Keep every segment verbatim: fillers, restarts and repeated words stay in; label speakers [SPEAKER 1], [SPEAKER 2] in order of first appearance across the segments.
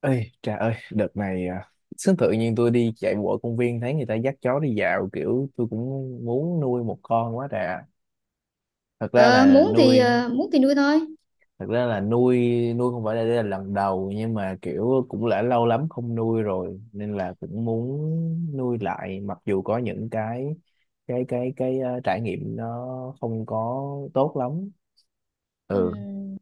[SPEAKER 1] Ê, trời ơi, đợt này à, sướng tự nhiên tôi đi chạy bộ ở công viên thấy người ta dắt chó đi dạo, kiểu tôi cũng muốn nuôi một con quá trời. Thật ra
[SPEAKER 2] Ờ,
[SPEAKER 1] là
[SPEAKER 2] muốn thì
[SPEAKER 1] nuôi,
[SPEAKER 2] ờ, muốn thì nuôi thôi.
[SPEAKER 1] Thật ra là nuôi nuôi, không phải là đây là lần đầu nhưng mà kiểu cũng đã lâu lắm không nuôi rồi nên là cũng muốn nuôi lại, mặc dù có những cái cái cái cái ờ, trải nghiệm nó không có tốt lắm. Ừ,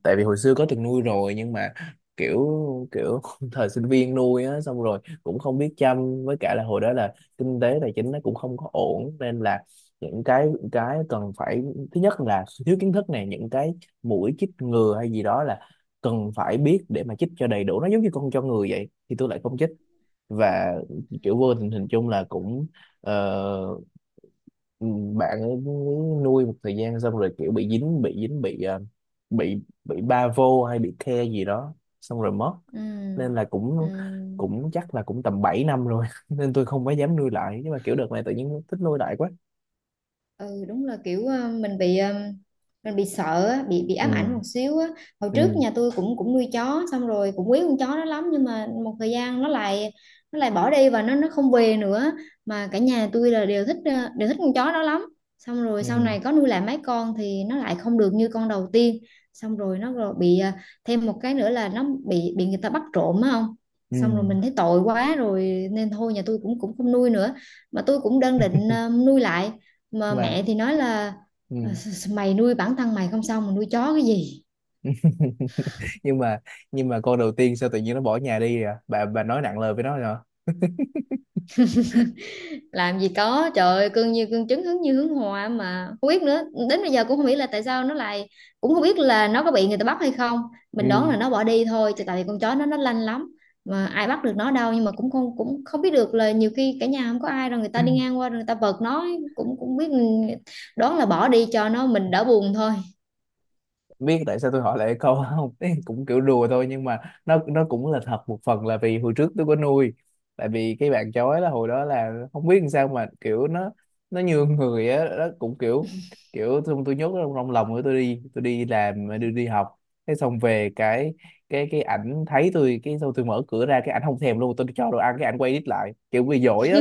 [SPEAKER 1] tại vì hồi xưa có từng nuôi rồi nhưng mà kiểu kiểu thời sinh viên nuôi á, xong rồi cũng không biết chăm, với cả là hồi đó là kinh tế tài chính nó cũng không có ổn, nên là những cái cái cần phải, thứ nhất là thiếu kiến thức này, những cái mũi chích ngừa hay gì đó là cần phải biết để mà chích cho đầy đủ, nó giống như con cho người vậy, thì tôi lại không chích. Và kiểu vô tình hình chung là cũng ờ, ừ, bạn ấy nuôi một thời gian xong rồi kiểu bị dính bị dính bị ờ, bị bị ba vô hay bị the gì đó xong rồi mất.
[SPEAKER 2] Ừ.
[SPEAKER 1] Nên là
[SPEAKER 2] Ừ.
[SPEAKER 1] cũng cũng chắc là cũng tầm bảy năm rồi nên tôi không có dám nuôi lại, nhưng mà kiểu đợt này tự nhiên thích nuôi lại quá.
[SPEAKER 2] Ừ, đúng là kiểu ờ, mình bị ờ, mình bị sợ á, bị bị
[SPEAKER 1] Ừ,
[SPEAKER 2] ám ảnh một xíu á. Hồi trước
[SPEAKER 1] ừ,
[SPEAKER 2] nhà tôi cũng cũng nuôi chó, xong rồi cũng quý con chó đó lắm, nhưng mà một thời gian nó lại nó lại bỏ đi và nó nó không về nữa. Mà cả nhà tôi là đều thích ờ, đều thích con chó đó lắm. Xong rồi sau
[SPEAKER 1] ừ,
[SPEAKER 2] này có nuôi lại mấy con thì nó lại không được như con đầu tiên. Xong rồi nó rồi bị ờ, thêm một cái nữa là nó bị bị người ta bắt trộm á, không.
[SPEAKER 1] ừ,
[SPEAKER 2] Xong rồi mình thấy tội quá rồi nên thôi, nhà tôi cũng cũng không nuôi nữa. Mà tôi cũng đang định ờ, nuôi lại. Mà
[SPEAKER 1] mà
[SPEAKER 2] mẹ thì nói là:
[SPEAKER 1] ừ.
[SPEAKER 2] mày nuôi bản thân mày không xong mà nuôi chó cái gì.
[SPEAKER 1] nhưng mà nhưng mà con đầu tiên sao tự nhiên nó bỏ nhà đi à? Bà bà nói nặng lời với nó rồi hả?
[SPEAKER 2] Làm gì có, trời ơi, cưng như cưng trứng hứng như hướng hoa mà không biết nữa. Đến bây giờ cũng không biết là tại sao nó lại, cũng không biết là nó có bị người ta bắt hay không. Mình đoán là
[SPEAKER 1] Ừ.
[SPEAKER 2] nó bỏ đi thôi chứ, tại vì con chó nó nó lanh lắm. Mà ai bắt được nó đâu, nhưng mà cũng không cũng không biết được, là nhiều khi cả nhà không có ai rồi người ta đi ngang qua rồi người ta vật nó. Cũng cũng biết, ừ, đoán là bỏ đi cho nó mình đỡ buồn thôi.
[SPEAKER 1] Biết tại sao tôi hỏi lại câu không? Ý, cũng kiểu đùa thôi, nhưng mà nó nó cũng là thật. Một phần là vì hồi trước tôi có nuôi, tại vì cái bạn chó ấy là hồi đó là không biết làm sao mà kiểu nó nó nhường người á, nó cũng kiểu kiểu xong tôi nhốt nó trong, trong lòng của tôi, đi tôi đi làm đi đi học. Thế xong về cái cái cái ảnh thấy tôi, cái xong tôi mở cửa ra cái ảnh không thèm luôn, tôi cho đồ ăn cái ảnh quay đít lại kiểu bị dỗi á.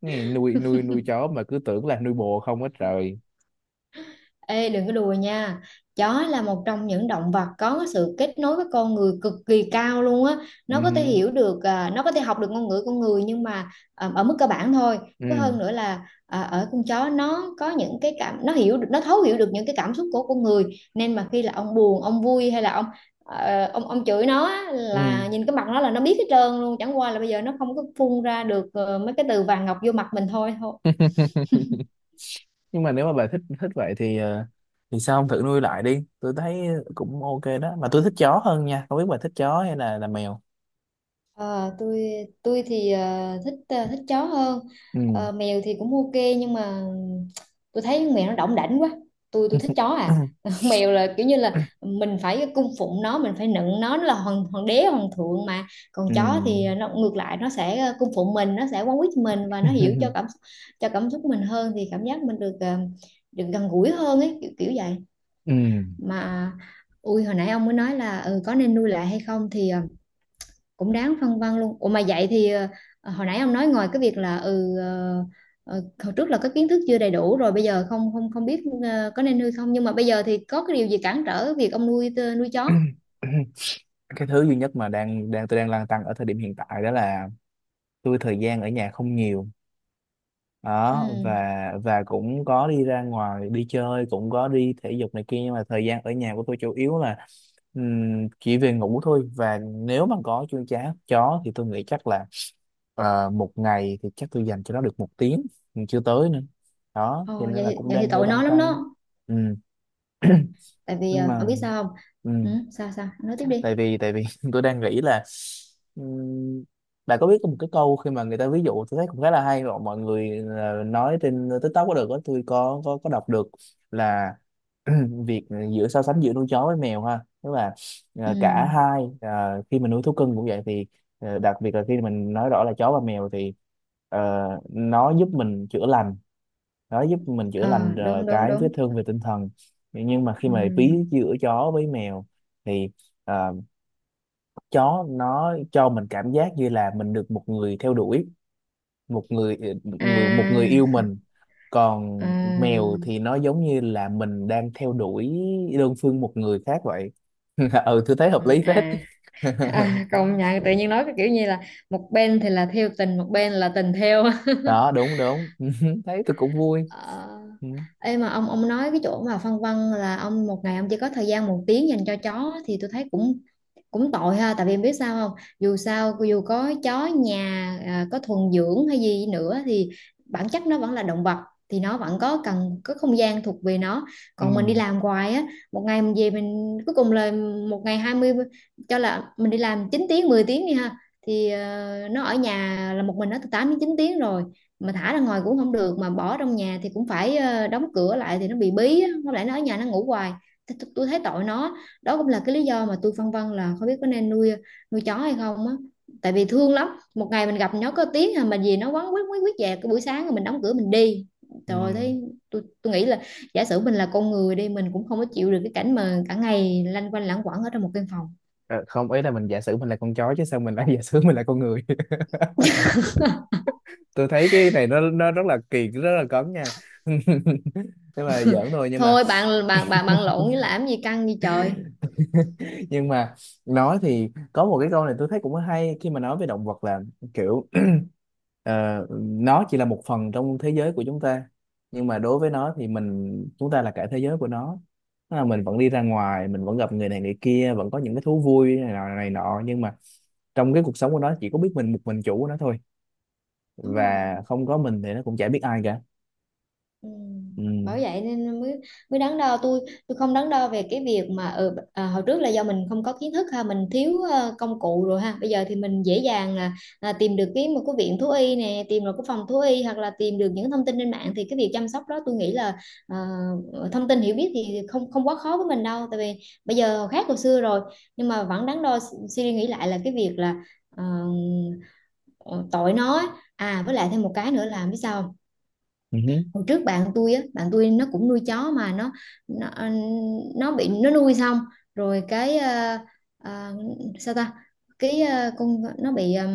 [SPEAKER 1] Nghe nuôi nuôi nuôi chó mà cứ tưởng là nuôi bồ không hết trời.
[SPEAKER 2] Ê, đừng có đùa nha. Chó là một trong những động vật có sự kết nối với con người cực kỳ cao luôn á.
[SPEAKER 1] Ừ
[SPEAKER 2] Nó có thể
[SPEAKER 1] hử.
[SPEAKER 2] hiểu được, à, nó có thể học được ngôn ngữ con người. Nhưng mà à, ở mức cơ bản thôi. Với
[SPEAKER 1] Ừ.
[SPEAKER 2] hơn nữa là à, ở con chó nó có những cái cảm. Nó hiểu được, nó thấu hiểu được những cái cảm xúc của con người. Nên mà khi là ông buồn, ông vui hay là ông ờ, ông ông chửi nó á,
[SPEAKER 1] Ừ.
[SPEAKER 2] là nhìn cái mặt nó là nó biết hết trơn luôn, chẳng qua là bây giờ nó không có phun ra được ờ, mấy cái từ vàng ngọc vô mặt mình thôi.
[SPEAKER 1] Nhưng mà nếu mà bà thích thích vậy thì ờ, thì sao không thử nuôi lại đi, tôi thấy cũng ok đó mà. Tôi thích chó hơn nha, không biết bà thích chó hay là là mèo.
[SPEAKER 2] Ờ, tôi tôi thì ờ, thích ờ, thích chó hơn.
[SPEAKER 1] Ừ.
[SPEAKER 2] Ờ, mèo thì cũng ok, nhưng mà tôi thấy con mèo nó đỏng đảnh quá. Tôi tôi thích chó à. Mèo là kiểu như là mình phải cung phụng nó, mình phải nựng nó nó là hoàng hoàng đế hoàng thượng. Mà còn
[SPEAKER 1] Ừ.
[SPEAKER 2] chó thì nó ngược lại, nó sẽ ờ, cung phụng mình, nó sẽ quấn quýt mình, và nó hiểu cho cảm cho cảm xúc mình hơn, thì cảm giác mình được ờ, được gần gũi hơn ấy, kiểu kiểu vậy.
[SPEAKER 1] Ừ.
[SPEAKER 2] Mà ui, hồi nãy ông mới nói là, ừ, có nên nuôi lại hay không, thì ờ, cũng đáng phân vân luôn. Ủa mà vậy thì ờ, ờ, hồi nãy ông nói, ngoài cái việc là ừ ờ, ờ, hồi trước là có kiến thức chưa đầy đủ, rồi bây giờ không không không biết ờ, có nên nuôi không, nhưng mà bây giờ thì có cái điều gì cản trở việc ông nuôi tơ- nuôi chó?
[SPEAKER 1] Cái thứ duy nhất mà đang đang tôi đang lăn tăn ở thời điểm hiện tại đó là tôi thời gian ở nhà không nhiều đó.
[SPEAKER 2] Ừ.
[SPEAKER 1] Và và cũng có đi ra ngoài đi chơi, cũng có đi thể dục này kia, nhưng mà thời gian ở nhà của tôi chủ yếu là ừm, chỉ về ngủ thôi. Và nếu mà có chuông chá chó thì tôi nghĩ chắc là ờ, một ngày thì chắc tôi dành cho nó được một tiếng, nhưng chưa tới nữa đó, thì
[SPEAKER 2] Ồ,
[SPEAKER 1] nên
[SPEAKER 2] vậy,
[SPEAKER 1] là
[SPEAKER 2] thì-
[SPEAKER 1] cũng
[SPEAKER 2] vậy thì
[SPEAKER 1] đang hơi
[SPEAKER 2] tội
[SPEAKER 1] lăn
[SPEAKER 2] nó lắm
[SPEAKER 1] tăn.
[SPEAKER 2] đó.
[SPEAKER 1] Ừ.
[SPEAKER 2] Tại vì
[SPEAKER 1] Nhưng
[SPEAKER 2] ờ,
[SPEAKER 1] mà,
[SPEAKER 2] ông biết sao không.
[SPEAKER 1] ừ,
[SPEAKER 2] Ừ, sao sao, ông nói tiếp đi.
[SPEAKER 1] tại vì tại vì tôi đang nghĩ là, ừm, bạn có biết có một cái câu khi mà người ta ví dụ, tôi thấy cũng khá là hay mà mọi người ờ, nói trên TikTok có được đó, tôi có có có đọc được là, việc giữa so sánh giữa nuôi chó với mèo ha, tức là
[SPEAKER 2] Ừ,
[SPEAKER 1] ờ, cả hai, ờ, khi mình nuôi thú cưng cũng vậy thì ờ, đặc biệt là khi mình nói rõ là chó và mèo thì ờ, nó giúp mình chữa lành, nó giúp mình chữa
[SPEAKER 2] ờ
[SPEAKER 1] lành ờ,
[SPEAKER 2] đúng đúng
[SPEAKER 1] cái vết
[SPEAKER 2] đúng.
[SPEAKER 1] thương về tinh thần. Nhưng mà khi
[SPEAKER 2] Ừ.
[SPEAKER 1] mà ví giữa chó với mèo thì ờ, chó nó cho mình cảm giác như là mình được một người theo đuổi, một người ờ, người một người yêu
[SPEAKER 2] À.
[SPEAKER 1] mình. Còn
[SPEAKER 2] Ờ.
[SPEAKER 1] mèo thì nó giống như là mình đang theo đuổi đơn phương một người khác vậy. Ừ, tôi thấy
[SPEAKER 2] Ừ.
[SPEAKER 1] hợp lý phết.
[SPEAKER 2] À. À, công nhận tự nhiên nói cái kiểu như là một bên thì là theo tình, một bên là tình theo.
[SPEAKER 1] Đó, đúng đúng. Thấy tôi cũng vui.
[SPEAKER 2] Ờ.
[SPEAKER 1] Ừ.
[SPEAKER 2] Ê mà ông ông nói cái chỗ mà phân vân là ông một ngày ông chỉ có thời gian một tiếng dành cho chó, thì tôi thấy cũng cũng tội ha, tại vì em biết sao không, dù sao dù có chó nhà à, có thuần dưỡng hay gì nữa thì bản chất nó vẫn là động vật. Thì nó vẫn có cần có không gian thuộc về nó.
[SPEAKER 1] Ừ.
[SPEAKER 2] Còn mình đi làm hoài á, một ngày mình về mình cuối cùng là, một ngày hai mươi, cho là mình đi làm chín tiếng mười tiếng đi ha, thì ờ, nó ở nhà là một mình nó từ tám đến chín tiếng rồi. Mà thả ra ngoài cũng không được, mà bỏ trong nhà thì cũng phải ờ, đóng cửa lại thì nó bị bí á. Nó lại nó ở nhà nó ngủ hoài. Thế tôi tôi thấy tội nó. Đó cũng là cái lý do mà tôi phân vân là không biết có nên nuôi nuôi chó hay không á. Tại vì thương lắm. Một ngày mình gặp nó có tiếng à, mà gì nó quấn quýt quýt quýt về cái buổi sáng, rồi mình đóng cửa mình đi. Trời ơi,
[SPEAKER 1] Ừ.
[SPEAKER 2] thấy, tôi tôi nghĩ là, giả sử mình là con người đi, mình cũng không có chịu được cái cảnh mà cả ngày lanh quanh lãng quẩn ở trong một căn phòng.
[SPEAKER 1] Ờ, không, ý là mình giả sử mình là con chó chứ sao mình lại giả sử mình là con người. Tôi thấy cái này nó nó rất là kỳ, rất là cấn nha. Nhưng mà giỡn thôi, nhưng mà
[SPEAKER 2] Thôi bạn bạn bạn bạn lộn với làm gì, căng gì trời.
[SPEAKER 1] nhưng mà nói thì có một cái câu này tôi thấy cũng hay khi mà nói về động vật là kiểu, ờ, nó chỉ là một phần trong thế giới của chúng ta, nhưng mà đối với nó thì mình, chúng ta là cả thế giới của nó. Tức là mình vẫn đi ra ngoài, mình vẫn gặp người này người kia, vẫn có những cái thú vui này nọ này nọ, nhưng mà trong cái cuộc sống của nó chỉ có biết mình, một mình chủ của nó thôi,
[SPEAKER 2] Đúng
[SPEAKER 1] và
[SPEAKER 2] rồi.
[SPEAKER 1] không có mình thì nó cũng chả biết ai cả.
[SPEAKER 2] Ừ.
[SPEAKER 1] Ừ.
[SPEAKER 2] Bởi vậy nên mới mới đắn đo. tôi tôi không đắn đo về cái việc mà ừ, à, hồi trước là do mình không có kiến thức ha, mình thiếu ờ, công cụ rồi ha, bây giờ thì mình dễ dàng là, là tìm được cái một cái viện thú y nè, tìm được cái phòng thú y, hoặc là tìm được những thông tin trên mạng, thì cái việc chăm sóc đó tôi nghĩ là ờ, thông tin hiểu biết thì không không quá khó với mình đâu, tại vì bây giờ khác hồi xưa rồi. Nhưng mà vẫn đắn đo, suy nghĩ lại là cái việc là ờ, ờ, tội nó á. À với lại thêm một cái nữa là biết sao không?
[SPEAKER 1] Ừ.
[SPEAKER 2] Hồi trước bạn tôi á, bạn tôi nó cũng nuôi chó mà nó, nó, ờ, nó bị, nó nuôi xong rồi cái ờ, ờ, sao ta, cái ờ, con nó bị ờ,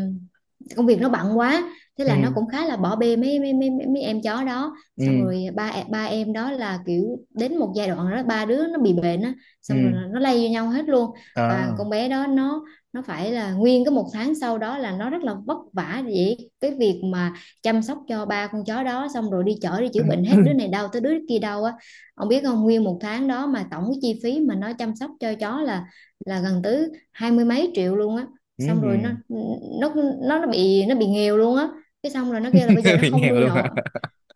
[SPEAKER 2] công việc nó bận quá. Thế là nó
[SPEAKER 1] Ừ.
[SPEAKER 2] cũng khá là bỏ bê mấy mấy mấy mấy mấy em chó đó, xong
[SPEAKER 1] Ừ.
[SPEAKER 2] rồi ba e- ba em đó là kiểu đến một giai đoạn đó ba đứa nó bị bệnh á. Xong rồi
[SPEAKER 1] Ừ.
[SPEAKER 2] nó lây vô nhau hết luôn. Và
[SPEAKER 1] Ờ.
[SPEAKER 2] con bé đó nó nó phải là nguyên cái một tháng sau đó là nó rất là vất vả, vậy cái việc mà chăm sóc cho ba con chó đó, xong rồi đi chở đi chữa bệnh hết, đứa này đau tới đứa kia đau á. Ông biết không, nguyên một tháng đó mà tổng cái chi phí mà nó chăm sóc cho chó là là gần tới hai mươi mấy triệu luôn á. Xong rồi nó
[SPEAKER 1] Ừ.
[SPEAKER 2] nó nó nó bị nó bị nghèo luôn á. Cái xong rồi nó kêu là bây giờ nó
[SPEAKER 1] Bị
[SPEAKER 2] không
[SPEAKER 1] nghèo
[SPEAKER 2] nuôi
[SPEAKER 1] luôn hả?
[SPEAKER 2] nổi.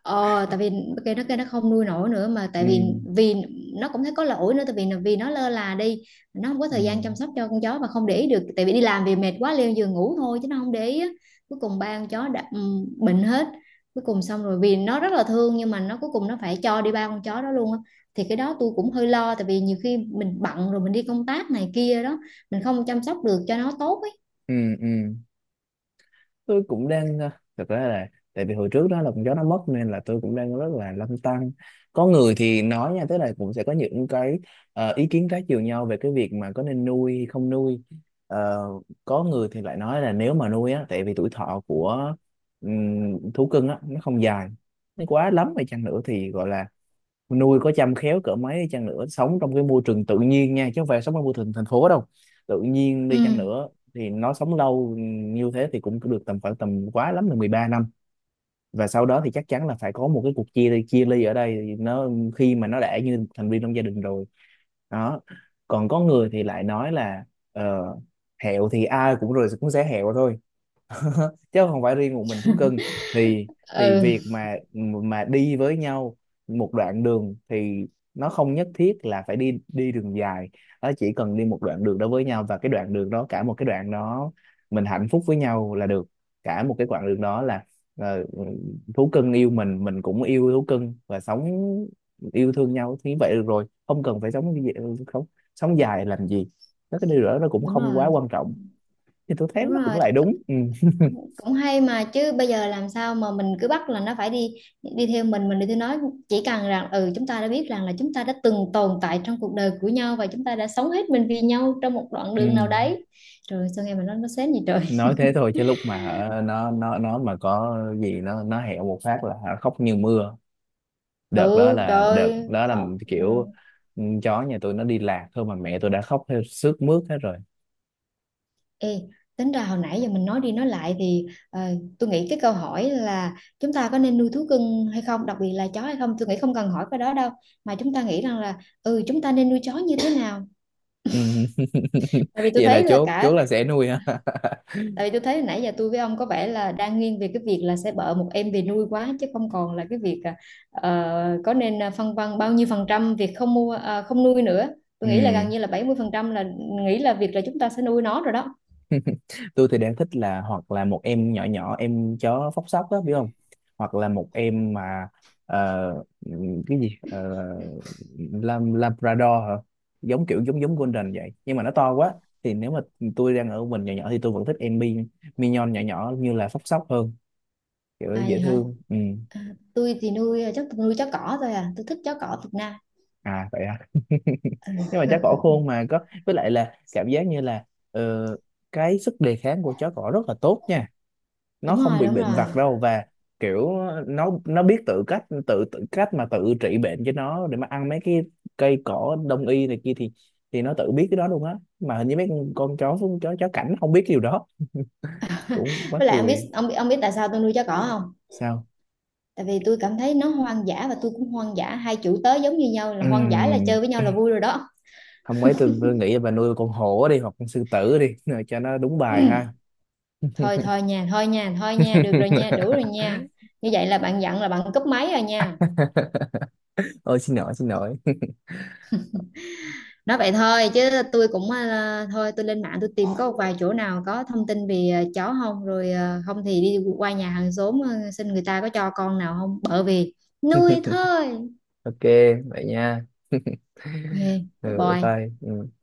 [SPEAKER 2] Ờ tại vì cái nó kêu nó không nuôi nổi nữa mà,
[SPEAKER 1] Ừ.
[SPEAKER 2] tại vì vì nó cũng thấy có lỗi nữa, tại vì vì nó lơ là đi. Nó không có
[SPEAKER 1] Ừ.
[SPEAKER 2] thời gian chăm sóc cho con chó và không để ý được, tại vì đi làm về mệt quá leo giường ngủ thôi chứ nó không để ý á. Cuối cùng ba con chó đã ừm, bệnh hết. Cuối cùng xong rồi, vì nó rất là thương, nhưng mà nó cuối cùng nó phải cho đi ba con chó đó luôn á. Thì cái đó tôi cũng hơi lo, tại vì nhiều khi mình bận rồi mình đi công tác này kia đó, mình không chăm sóc được cho nó tốt ấy.
[SPEAKER 1] Ừ. Ừ. Tôi cũng đang à, thật ra là tại vì hồi trước đó là con chó nó mất nên là tôi cũng đang rất là lăn tăn. Có người thì nói nha, tức là cũng sẽ có những cái ờ, ý kiến trái chiều nhau về cái việc mà có nên nuôi hay không nuôi. Ờ, có người thì lại nói là nếu mà nuôi á, tại vì tuổi thọ của ừm, thú cưng á nó không dài, nó quá lắm hay chăng nữa thì gọi là nuôi có chăm khéo cỡ mấy đi chăng nữa, sống trong cái môi trường tự nhiên nha, chứ không phải sống trong môi trường thành phố đâu, tự nhiên đi chăng
[SPEAKER 2] Ừ.
[SPEAKER 1] nữa thì nó sống lâu như thế thì cũng được tầm khoảng tầm quá lắm là mười ba năm. Và sau đó thì chắc chắn là phải có một cái cuộc chia ly chia ly ở đây. Thì nó, khi mà nó đã như một thành viên trong gia đình rồi đó. Còn có người thì lại nói là ờ, hẹo thì ai cũng rồi cũng sẽ hẹo thôi, chứ không phải riêng một mình thú cưng. Thì thì
[SPEAKER 2] Ừ,
[SPEAKER 1] việc mà mà đi với nhau một đoạn đường thì nó không nhất thiết là phải đi đi đường dài, nó chỉ cần đi một đoạn đường đó với nhau và cái đoạn đường đó, cả một cái đoạn đó mình hạnh phúc với nhau là được. Cả một cái quãng đường đó là ờ, thú cưng yêu mình mình cũng yêu thú cưng và sống yêu thương nhau thì vậy được rồi, không cần phải sống gì- không, sống dài làm gì. Nó cái điều đó nó cũng
[SPEAKER 2] đúng
[SPEAKER 1] không quá
[SPEAKER 2] rồi,
[SPEAKER 1] quan trọng. Thì tôi thấy
[SPEAKER 2] đúng
[SPEAKER 1] nó cũng
[SPEAKER 2] rồi.
[SPEAKER 1] lại đúng. Ừ.
[SPEAKER 2] Cũng hay mà, chứ bây giờ làm sao mà mình cứ bắt là nó phải đi, đi theo mình mình đi theo nó. Chỉ cần rằng ừ chúng ta đã biết rằng là chúng ta đã từng tồn tại trong cuộc đời của nhau, và chúng ta đã sống hết mình vì nhau trong một đoạn
[SPEAKER 1] Ừ.
[SPEAKER 2] đường nào đấy. Rồi sao nghe mà nó nó sến gì trời.
[SPEAKER 1] Nói thế thôi chứ lúc mà ờ, nó nó nó mà có gì nó nó hẹo một phát là hả, khóc như mưa. đợt đó
[SPEAKER 2] Ừ,
[SPEAKER 1] là đợt
[SPEAKER 2] trời,
[SPEAKER 1] đó là
[SPEAKER 2] không. Ừ.
[SPEAKER 1] kiểu, ừ, chó nhà tôi nó đi lạc thôi mà mẹ tôi đã khóc theo sướt mướt hết rồi.
[SPEAKER 2] Ê, tính ra hồi nãy giờ mình nói đi nói lại thì ờ, tôi nghĩ cái câu hỏi là chúng ta có nên nuôi thú cưng hay không, đặc biệt là chó hay không, tôi nghĩ không cần hỏi cái đó đâu, mà chúng ta nghĩ rằng là ừ chúng ta nên nuôi chó như thế nào.
[SPEAKER 1] Ừ.
[SPEAKER 2] Tại vì tôi
[SPEAKER 1] Vậy là
[SPEAKER 2] thấy là
[SPEAKER 1] chốt chốt
[SPEAKER 2] cả,
[SPEAKER 1] là sẽ nuôi ha.
[SPEAKER 2] tại vì tôi thấy nãy giờ tôi với ông có vẻ là đang nghiêng về cái việc là sẽ bợ một em về nuôi quá, chứ không còn là cái việc ờ, có nên ờ, phân vân bao nhiêu phần trăm việc không mua, ờ, không nuôi nữa. Tôi nghĩ là
[SPEAKER 1] Ừ.
[SPEAKER 2] gần như là bảy mươi phần trăm là, nghĩ là việc là chúng ta sẽ nuôi nó rồi đó.
[SPEAKER 1] Tôi thì đang thích là hoặc là một em nhỏ nhỏ, em chó phốc sóc á biết không, hoặc là một em mà ờ, ừm, cái gì? Ờ, Lam- Labrador hả? Giống kiểu giống giống Golden vậy, nhưng mà nó to quá thì nếu mà tôi đang ở mình nhỏ nhỏ thì tôi vẫn thích em Mi Mignon nhỏ nhỏ như là phốc sóc hơn, kiểu
[SPEAKER 2] À.
[SPEAKER 1] dễ thương. Ừ.
[SPEAKER 2] À. Tôi thì nuôi à, chắc tôi nuôi chó cỏ thôi à, tôi thích chó cỏ Việt Nam.
[SPEAKER 1] À vậy à. Nhưng mà chó cỏ khôn mà có, với lại là cảm giác như là ờ, cái sức đề kháng của chó cỏ rất là tốt nha, nó
[SPEAKER 2] Đúng
[SPEAKER 1] không
[SPEAKER 2] rồi,
[SPEAKER 1] bị
[SPEAKER 2] đúng
[SPEAKER 1] bệnh
[SPEAKER 2] rồi.
[SPEAKER 1] vặt đâu. Và kiểu nó nó biết tự cách tự tự cách mà tự trị bệnh cho nó, để mà ăn mấy cái cây cỏ đông y này kia thì thì nó tự biết cái đó luôn á, mà hình như mấy con, con chó chó chó cảnh không biết điều đó. Cũng quá
[SPEAKER 2] Với lại ông biết
[SPEAKER 1] cười.
[SPEAKER 2] ông biết ông biết tại sao tôi nuôi chó cỏ không?
[SPEAKER 1] Sao?
[SPEAKER 2] Tại vì tôi cảm thấy nó hoang dã và tôi cũng hoang dã, hai chủ tớ giống như nhau là hoang dã, là
[SPEAKER 1] Ừm,
[SPEAKER 2] chơi với nhau là vui rồi đó.
[SPEAKER 1] không, ấy tôi vừa nghĩ là bà nuôi con hổ đi hoặc con sư tử đi rồi cho nó đúng bài ha.
[SPEAKER 2] Thôi thôi nha, thôi nha, thôi nha, được rồi nha, đủ rồi nha. Như vậy là bạn dặn là bạn cúp máy rồi nha.
[SPEAKER 1] Ôi, xin lỗi xin lỗi.
[SPEAKER 2] Nói vậy thôi chứ tôi cũng ờ, thôi tôi lên mạng tôi tìm có một vài chỗ nào có thông tin về ờ, chó không, rồi ờ, không thì đi qua nhà hàng xóm ờ, xin người ta có cho con nào không, bởi vì nuôi thôi.
[SPEAKER 1] Ok, vậy nha.
[SPEAKER 2] Ok.
[SPEAKER 1] Ừ,
[SPEAKER 2] Bye
[SPEAKER 1] bye
[SPEAKER 2] bye.
[SPEAKER 1] bye. Ừ.